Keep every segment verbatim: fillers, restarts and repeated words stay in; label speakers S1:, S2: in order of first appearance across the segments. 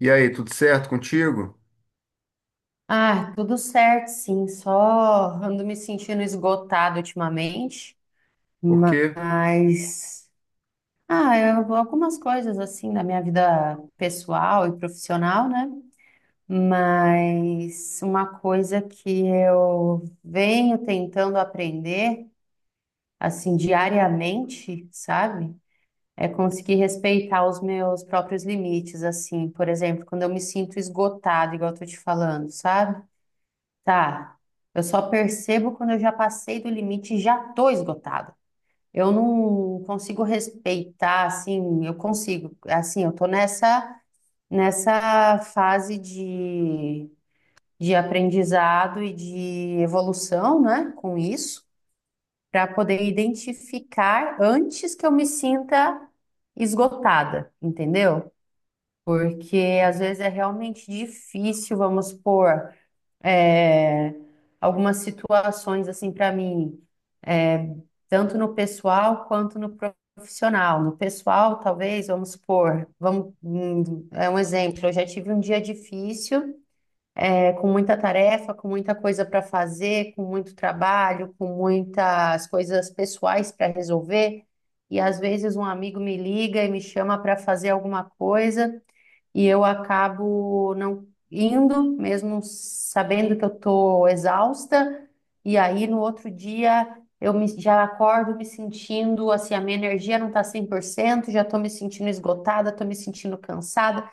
S1: E aí, tudo certo contigo?
S2: Ah, tudo certo, sim. Só ando me sentindo esgotado ultimamente,
S1: Porque
S2: mas ah, eu- algumas coisas assim da minha vida pessoal e profissional, né? Mas uma coisa que eu venho tentando aprender assim diariamente, sabe? É conseguir respeitar os meus próprios limites, assim, por exemplo, quando eu me sinto esgotado, igual eu tô te falando, sabe? Tá. Eu só percebo quando eu já passei do limite e já tô esgotada. Eu não consigo respeitar, assim, eu consigo, assim, eu tô nessa nessa fase de, de aprendizado e de evolução, né, com isso, para poder identificar antes que eu me sinta esgotada, entendeu? Porque às vezes é realmente difícil, vamos supor, é, algumas situações assim para mim, tanto no pessoal quanto no profissional. No pessoal, talvez, vamos supor, vamos, hum, é um exemplo, eu já tive um dia difícil, é, com muita tarefa, com muita coisa para fazer, com muito trabalho, com muitas coisas pessoais para resolver. E às vezes um amigo me liga e me chama para fazer alguma coisa e eu acabo não indo, mesmo sabendo que eu tô exausta, e aí no outro dia eu me, já acordo me sentindo assim, a minha energia não tá cem por cento, já tô me sentindo esgotada, tô me sentindo cansada.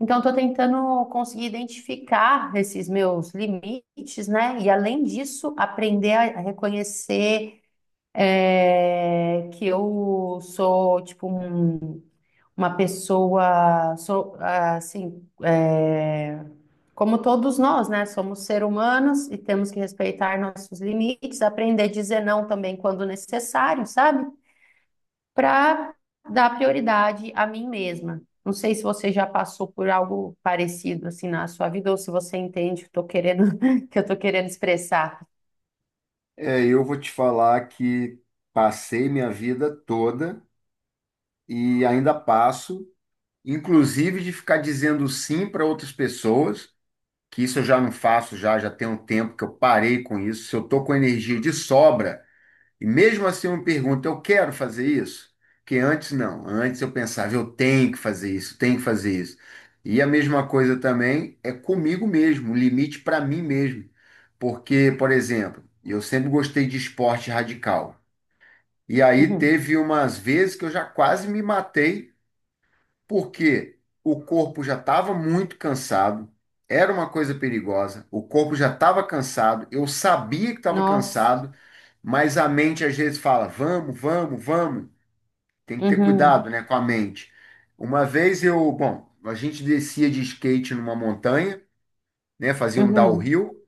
S2: Então tô tentando conseguir identificar esses meus limites, né? E além disso, aprender a a reconhecer é, que eu sou tipo um uma pessoa, so- assim, é, como todos nós, né? Somos seres humanos e temos que respeitar nossos limites, aprender a dizer não também quando necessário, sabe? Para dar prioridade a mim mesma. Não sei se você já passou por algo parecido assim na sua vida ou se você entende o que eu tô querendo, que eu tô querendo expressar.
S1: é, eu vou te falar que passei minha vida toda e ainda passo, inclusive de ficar dizendo sim para outras pessoas, que isso eu já não faço já, já tem um tempo que eu parei com isso. Se eu tô com energia de sobra, e mesmo assim eu me pergunto, eu quero fazer isso? Que antes não. Antes eu pensava, eu tenho que fazer isso, tenho que fazer isso. E a mesma coisa também é comigo mesmo, o limite para mim mesmo. Porque, por exemplo, eu sempre gostei de esporte radical. E aí
S2: Uhum.
S1: teve umas vezes que eu já quase me matei porque o corpo já estava muito cansado, era uma coisa perigosa, o corpo já estava cansado, eu sabia que estava
S2: Nossa.
S1: cansado, mas a mente às vezes fala: vamos, vamos, vamos. Tem que ter cuidado,
S2: Uhum.
S1: né, com a mente. Uma vez eu, bom, a gente descia de skate numa montanha, né, fazia um
S2: Uhum.
S1: downhill.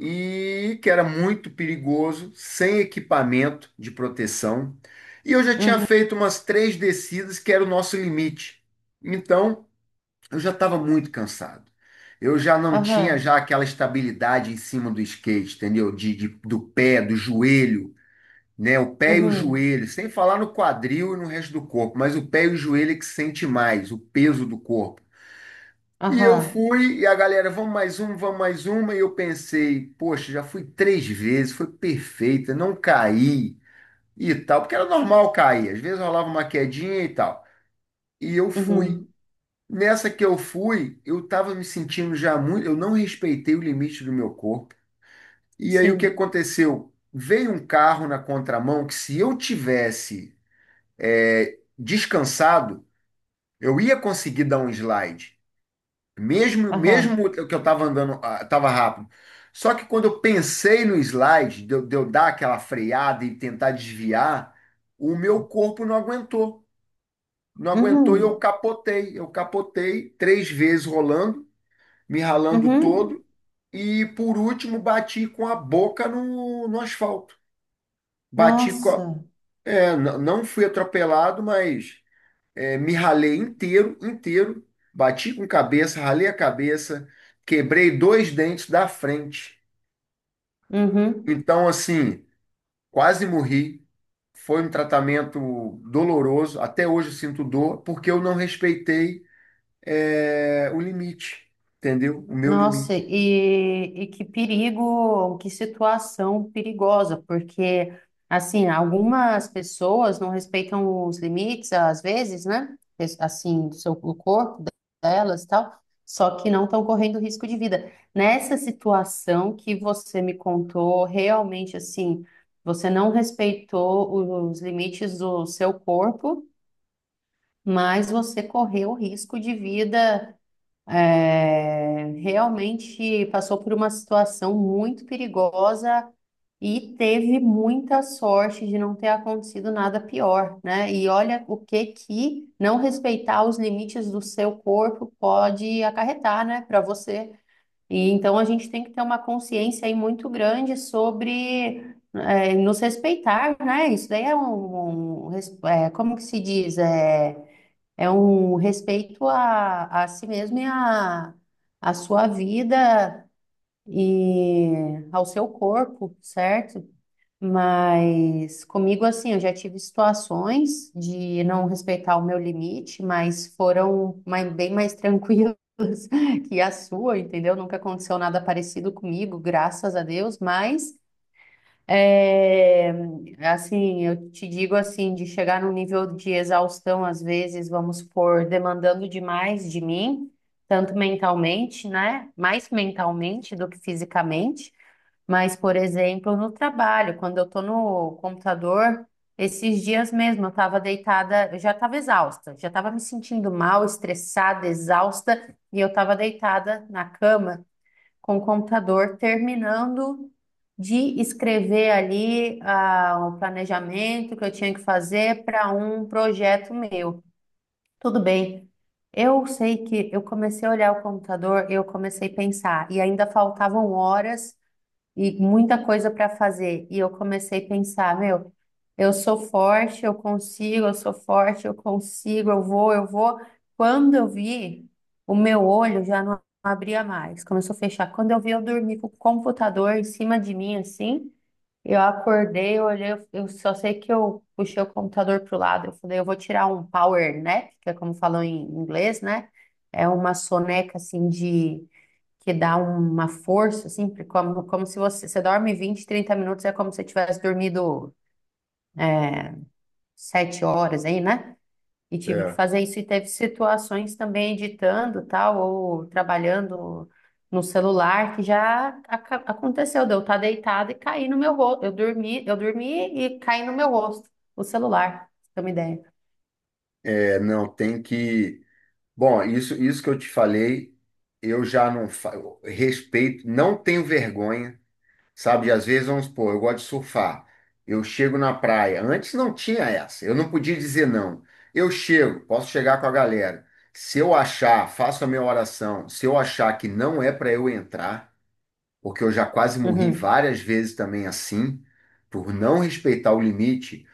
S1: E que era muito perigoso, sem equipamento de proteção. E eu já tinha
S2: Uhum.
S1: feito umas três descidas, que era o nosso limite. Então, eu já estava muito cansado. Eu já não tinha
S2: Aham.
S1: já aquela estabilidade em cima do skate, entendeu? De, de- do pé, do joelho, né? O pé e o
S2: Uhum.
S1: joelho, sem falar no quadril e no resto do corpo, mas o pé e o joelho é que sente mais, o peso do corpo. E eu
S2: Aham.
S1: fui, e a galera, vamos mais um, vamos mais uma, e eu pensei, poxa, já fui três vezes, foi perfeita, não caí e tal, porque era normal cair, às vezes rolava uma quedinha e tal. E eu fui.
S2: Uhum.
S1: Nessa que eu fui, eu tava me sentindo já muito, eu não respeitei o limite do meu corpo. E aí o que
S2: Sim.
S1: aconteceu? Veio um carro na contramão que se eu tivesse é, descansado, eu ia conseguir dar um slide, mesmo
S2: Aham.
S1: mesmo que eu tava andando, ah, tava rápido. Só que quando eu pensei no slide, de eu, de eu dar aquela freada e tentar desviar, o meu corpo não aguentou. Não aguentou e eu
S2: Uhum.
S1: capotei. Eu capotei três vezes rolando, me ralando
S2: Uhum.
S1: todo. E por último, bati com a boca no, no asfalto. Bati com a,
S2: Nossa.
S1: é, n- Não fui atropelado, mas é, me ralei inteiro, inteiro. Bati com cabeça, ralei a cabeça, quebrei dois dentes da frente.
S2: Uhum.
S1: Então, assim, quase morri. Foi um tratamento doloroso. Até hoje eu sinto dor, porque eu não respeitei, é, o limite, entendeu? O meu
S2: Nossa,
S1: limite.
S2: e, e que perigo, que situação perigosa, porque, assim, algumas pessoas não respeitam os limites, às vezes, né? Es- Assim, do seu, do corpo delas e tal, só que não estão correndo risco de vida. Nessa situação que você me contou, realmente, assim, você não respeitou os limites do seu corpo, mas você correu risco de vida, é, realmente passou por uma situação muito perigosa e teve muita sorte de não ter acontecido nada pior, né? E olha o que que não respeitar os limites do seu corpo pode acarretar, né, para você. E então a gente tem que ter uma consciência aí muito grande sobre é, nos respeitar, né? Isso daí é um, um res- é, como que se diz? É, é um respeito a, a si mesmo e a, a sua vida e ao seu corpo, certo? Mas comigo, assim, eu já tive situações de não respeitar o meu limite, mas foram mai- bem mais tranquilas que a sua, entendeu? Nunca aconteceu nada parecido comigo, graças a Deus, mas. É, assim, eu te digo assim, de chegar num nível de exaustão, às vezes, vamos supor, demandando demais de mim, tanto mentalmente, né? Mais mentalmente do que fisicamente. Mas, por exemplo, no trabalho, quando eu estou no computador, esses dias mesmo eu estava deitada, eu já estava exausta, já estava me sentindo mal, estressada, exausta, e eu estava deitada na cama com o computador, terminando de escrever ali ah, o planejamento que eu tinha que fazer para um projeto meu. Tudo bem. Eu sei que eu comecei a olhar o computador, eu comecei a pensar, e ainda faltavam horas e muita coisa para fazer. E eu comecei a pensar, meu, eu sou forte, eu consigo, eu sou forte, eu consigo, eu vou, eu vou. Quando eu vi, o meu olho já não abria mais, começou a fechar. Quando eu vi, eu dormi com o computador em cima de mim, assim. Eu acordei, eu olhei, eu eu só sei que eu puxei o computador pro lado. Eu falei, eu vou tirar um power nap, que é como falam em inglês, né? É uma soneca assim de que dá uma força, assim, porque como, como se você, você dorme vinte, trinta minutos, é como se você tivesse dormido é, sete horas aí, né? E tive que
S1: É,
S2: fazer isso e teve situações também editando, tal, ou trabalhando no celular, que já aca- aconteceu, de eu estar deitada e cair no meu rosto. Eu dormi, eu dormi e caí no meu rosto, o celular, pra você ter uma ideia.
S1: é, não, tem que. Bom, isso, isso que eu te falei, eu já não fa- eu respeito, não tenho vergonha, sabe? E às vezes, vamos supor, eu gosto de surfar. Eu chego na praia. Antes não tinha essa, eu não podia dizer não. Eu chego, posso chegar com a galera. Se eu achar, faço a minha oração. Se eu achar que não é para eu entrar, porque eu já quase morri
S2: Uhum.
S1: várias vezes também assim, por não respeitar o limite.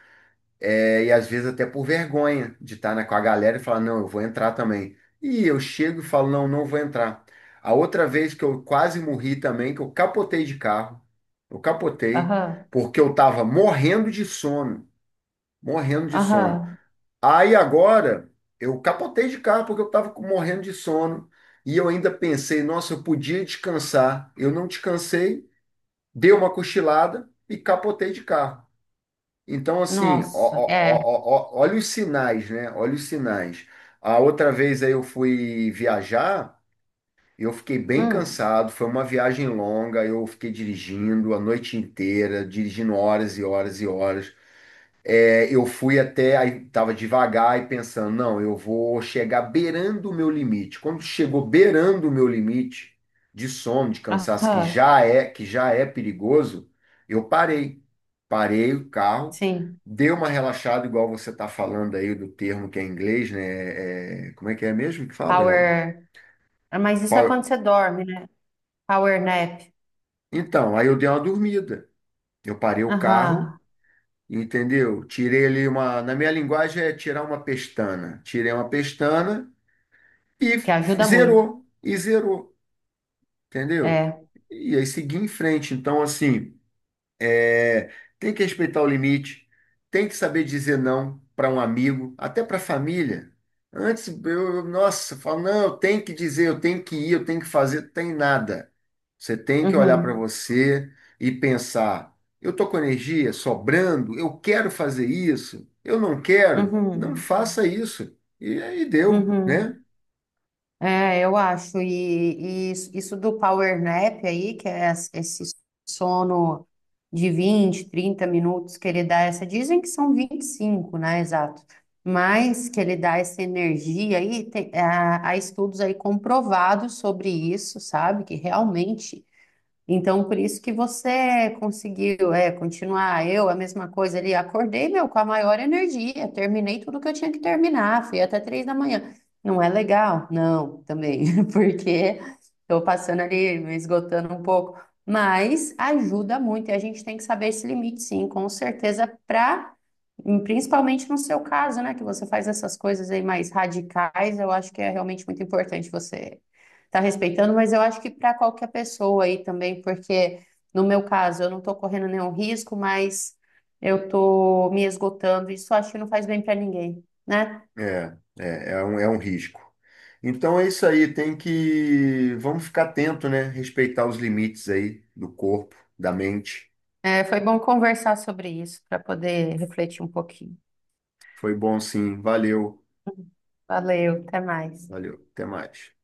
S1: É, e às vezes até por vergonha de estar né, com a galera e falar, não, eu vou entrar também. E eu chego e falo, não, não vou entrar. A outra vez que eu quase morri também, que eu capotei de carro, eu capotei,
S2: Aham,
S1: porque eu tava morrendo de sono, morrendo de sono.
S2: aham.
S1: Aí agora eu capotei de carro porque eu tava com- morrendo de sono. E eu ainda pensei, nossa, eu podia descansar. Eu não descansei, dei uma cochilada e capotei de carro. Então, assim, ó-
S2: Nossa, é.
S1: ó- ó- ó- olha os sinais, né? Olha os sinais. A outra vez aí eu fui viajar, eu fiquei bem
S2: Hum.
S1: cansado, foi uma viagem longa, eu fiquei dirigindo a noite inteira, dirigindo horas e horas e horas. É, eu fui até, aí tava devagar e pensando, não, eu vou chegar beirando o meu limite. Quando chegou beirando o meu limite de sono, de cansaço, que
S2: Aham,
S1: já é, que já é perigoso, eu parei. Parei o carro,
S2: sim.
S1: dei uma relaxada, igual você tá falando aí do termo que é em inglês, né? É, é, como é que é mesmo que fala? É,
S2: Power Ah, mas isso é
S1: power-
S2: quando você dorme, né? Power nap.
S1: Então, aí eu dei uma dormida. Eu parei o carro.
S2: Aham.
S1: Entendeu? Tirei ali uma. Na minha linguagem é tirar uma pestana. Tirei uma pestana,
S2: Que
S1: e
S2: ajuda muito.
S1: zerou, e zerou, entendeu?
S2: É.
S1: E aí seguir em frente. Então, assim, é, tem que respeitar o limite, tem que saber dizer não para um amigo, até para a família. Antes, eu, eu- nossa, eu falo, não, eu tenho que dizer, eu tenho que ir, eu tenho que fazer, tem nada. Você tem que olhar para
S2: Uhum.
S1: você e pensar, eu tô com energia sobrando, eu quero fazer isso, eu não quero, não
S2: Uhum.
S1: faça isso. E aí deu, né?
S2: Uhum. É, eu acho. E, e isso isso do power nap aí, que é es- esse sono de vinte, trinta minutos que ele dá essa. Dizem que são vinte e cinco, né? Exato. Mas que ele dá essa energia aí, tem, ah, há estudos aí comprovados sobre isso, sabe? Que realmente. Então, por isso que você conseguiu, é, continuar. Eu, a mesma coisa ali, acordei, meu, com a maior energia, terminei tudo que eu tinha que terminar, fui até três da manhã. Não é legal? Não, também, porque estou passando ali, me esgotando um pouco. Mas ajuda muito e a gente tem que saber esse limite, sim, com certeza, para, principalmente no seu caso, né, que você faz essas coisas aí mais radicais, eu acho que é realmente muito importante você tá respeitando, mas eu acho que para qualquer pessoa aí também, porque no meu caso eu não tô correndo nenhum risco, mas eu tô me esgotando. Isso eu acho que não faz bem para ninguém, né?
S1: É, é, é um, é um risco. Então é isso aí, tem que. Vamos ficar atento, né? Respeitar os limites aí do corpo, da mente.
S2: É, foi bom conversar sobre isso para poder refletir um pouquinho.
S1: Foi bom sim, valeu,
S2: Valeu, até mais.
S1: valeu, até mais.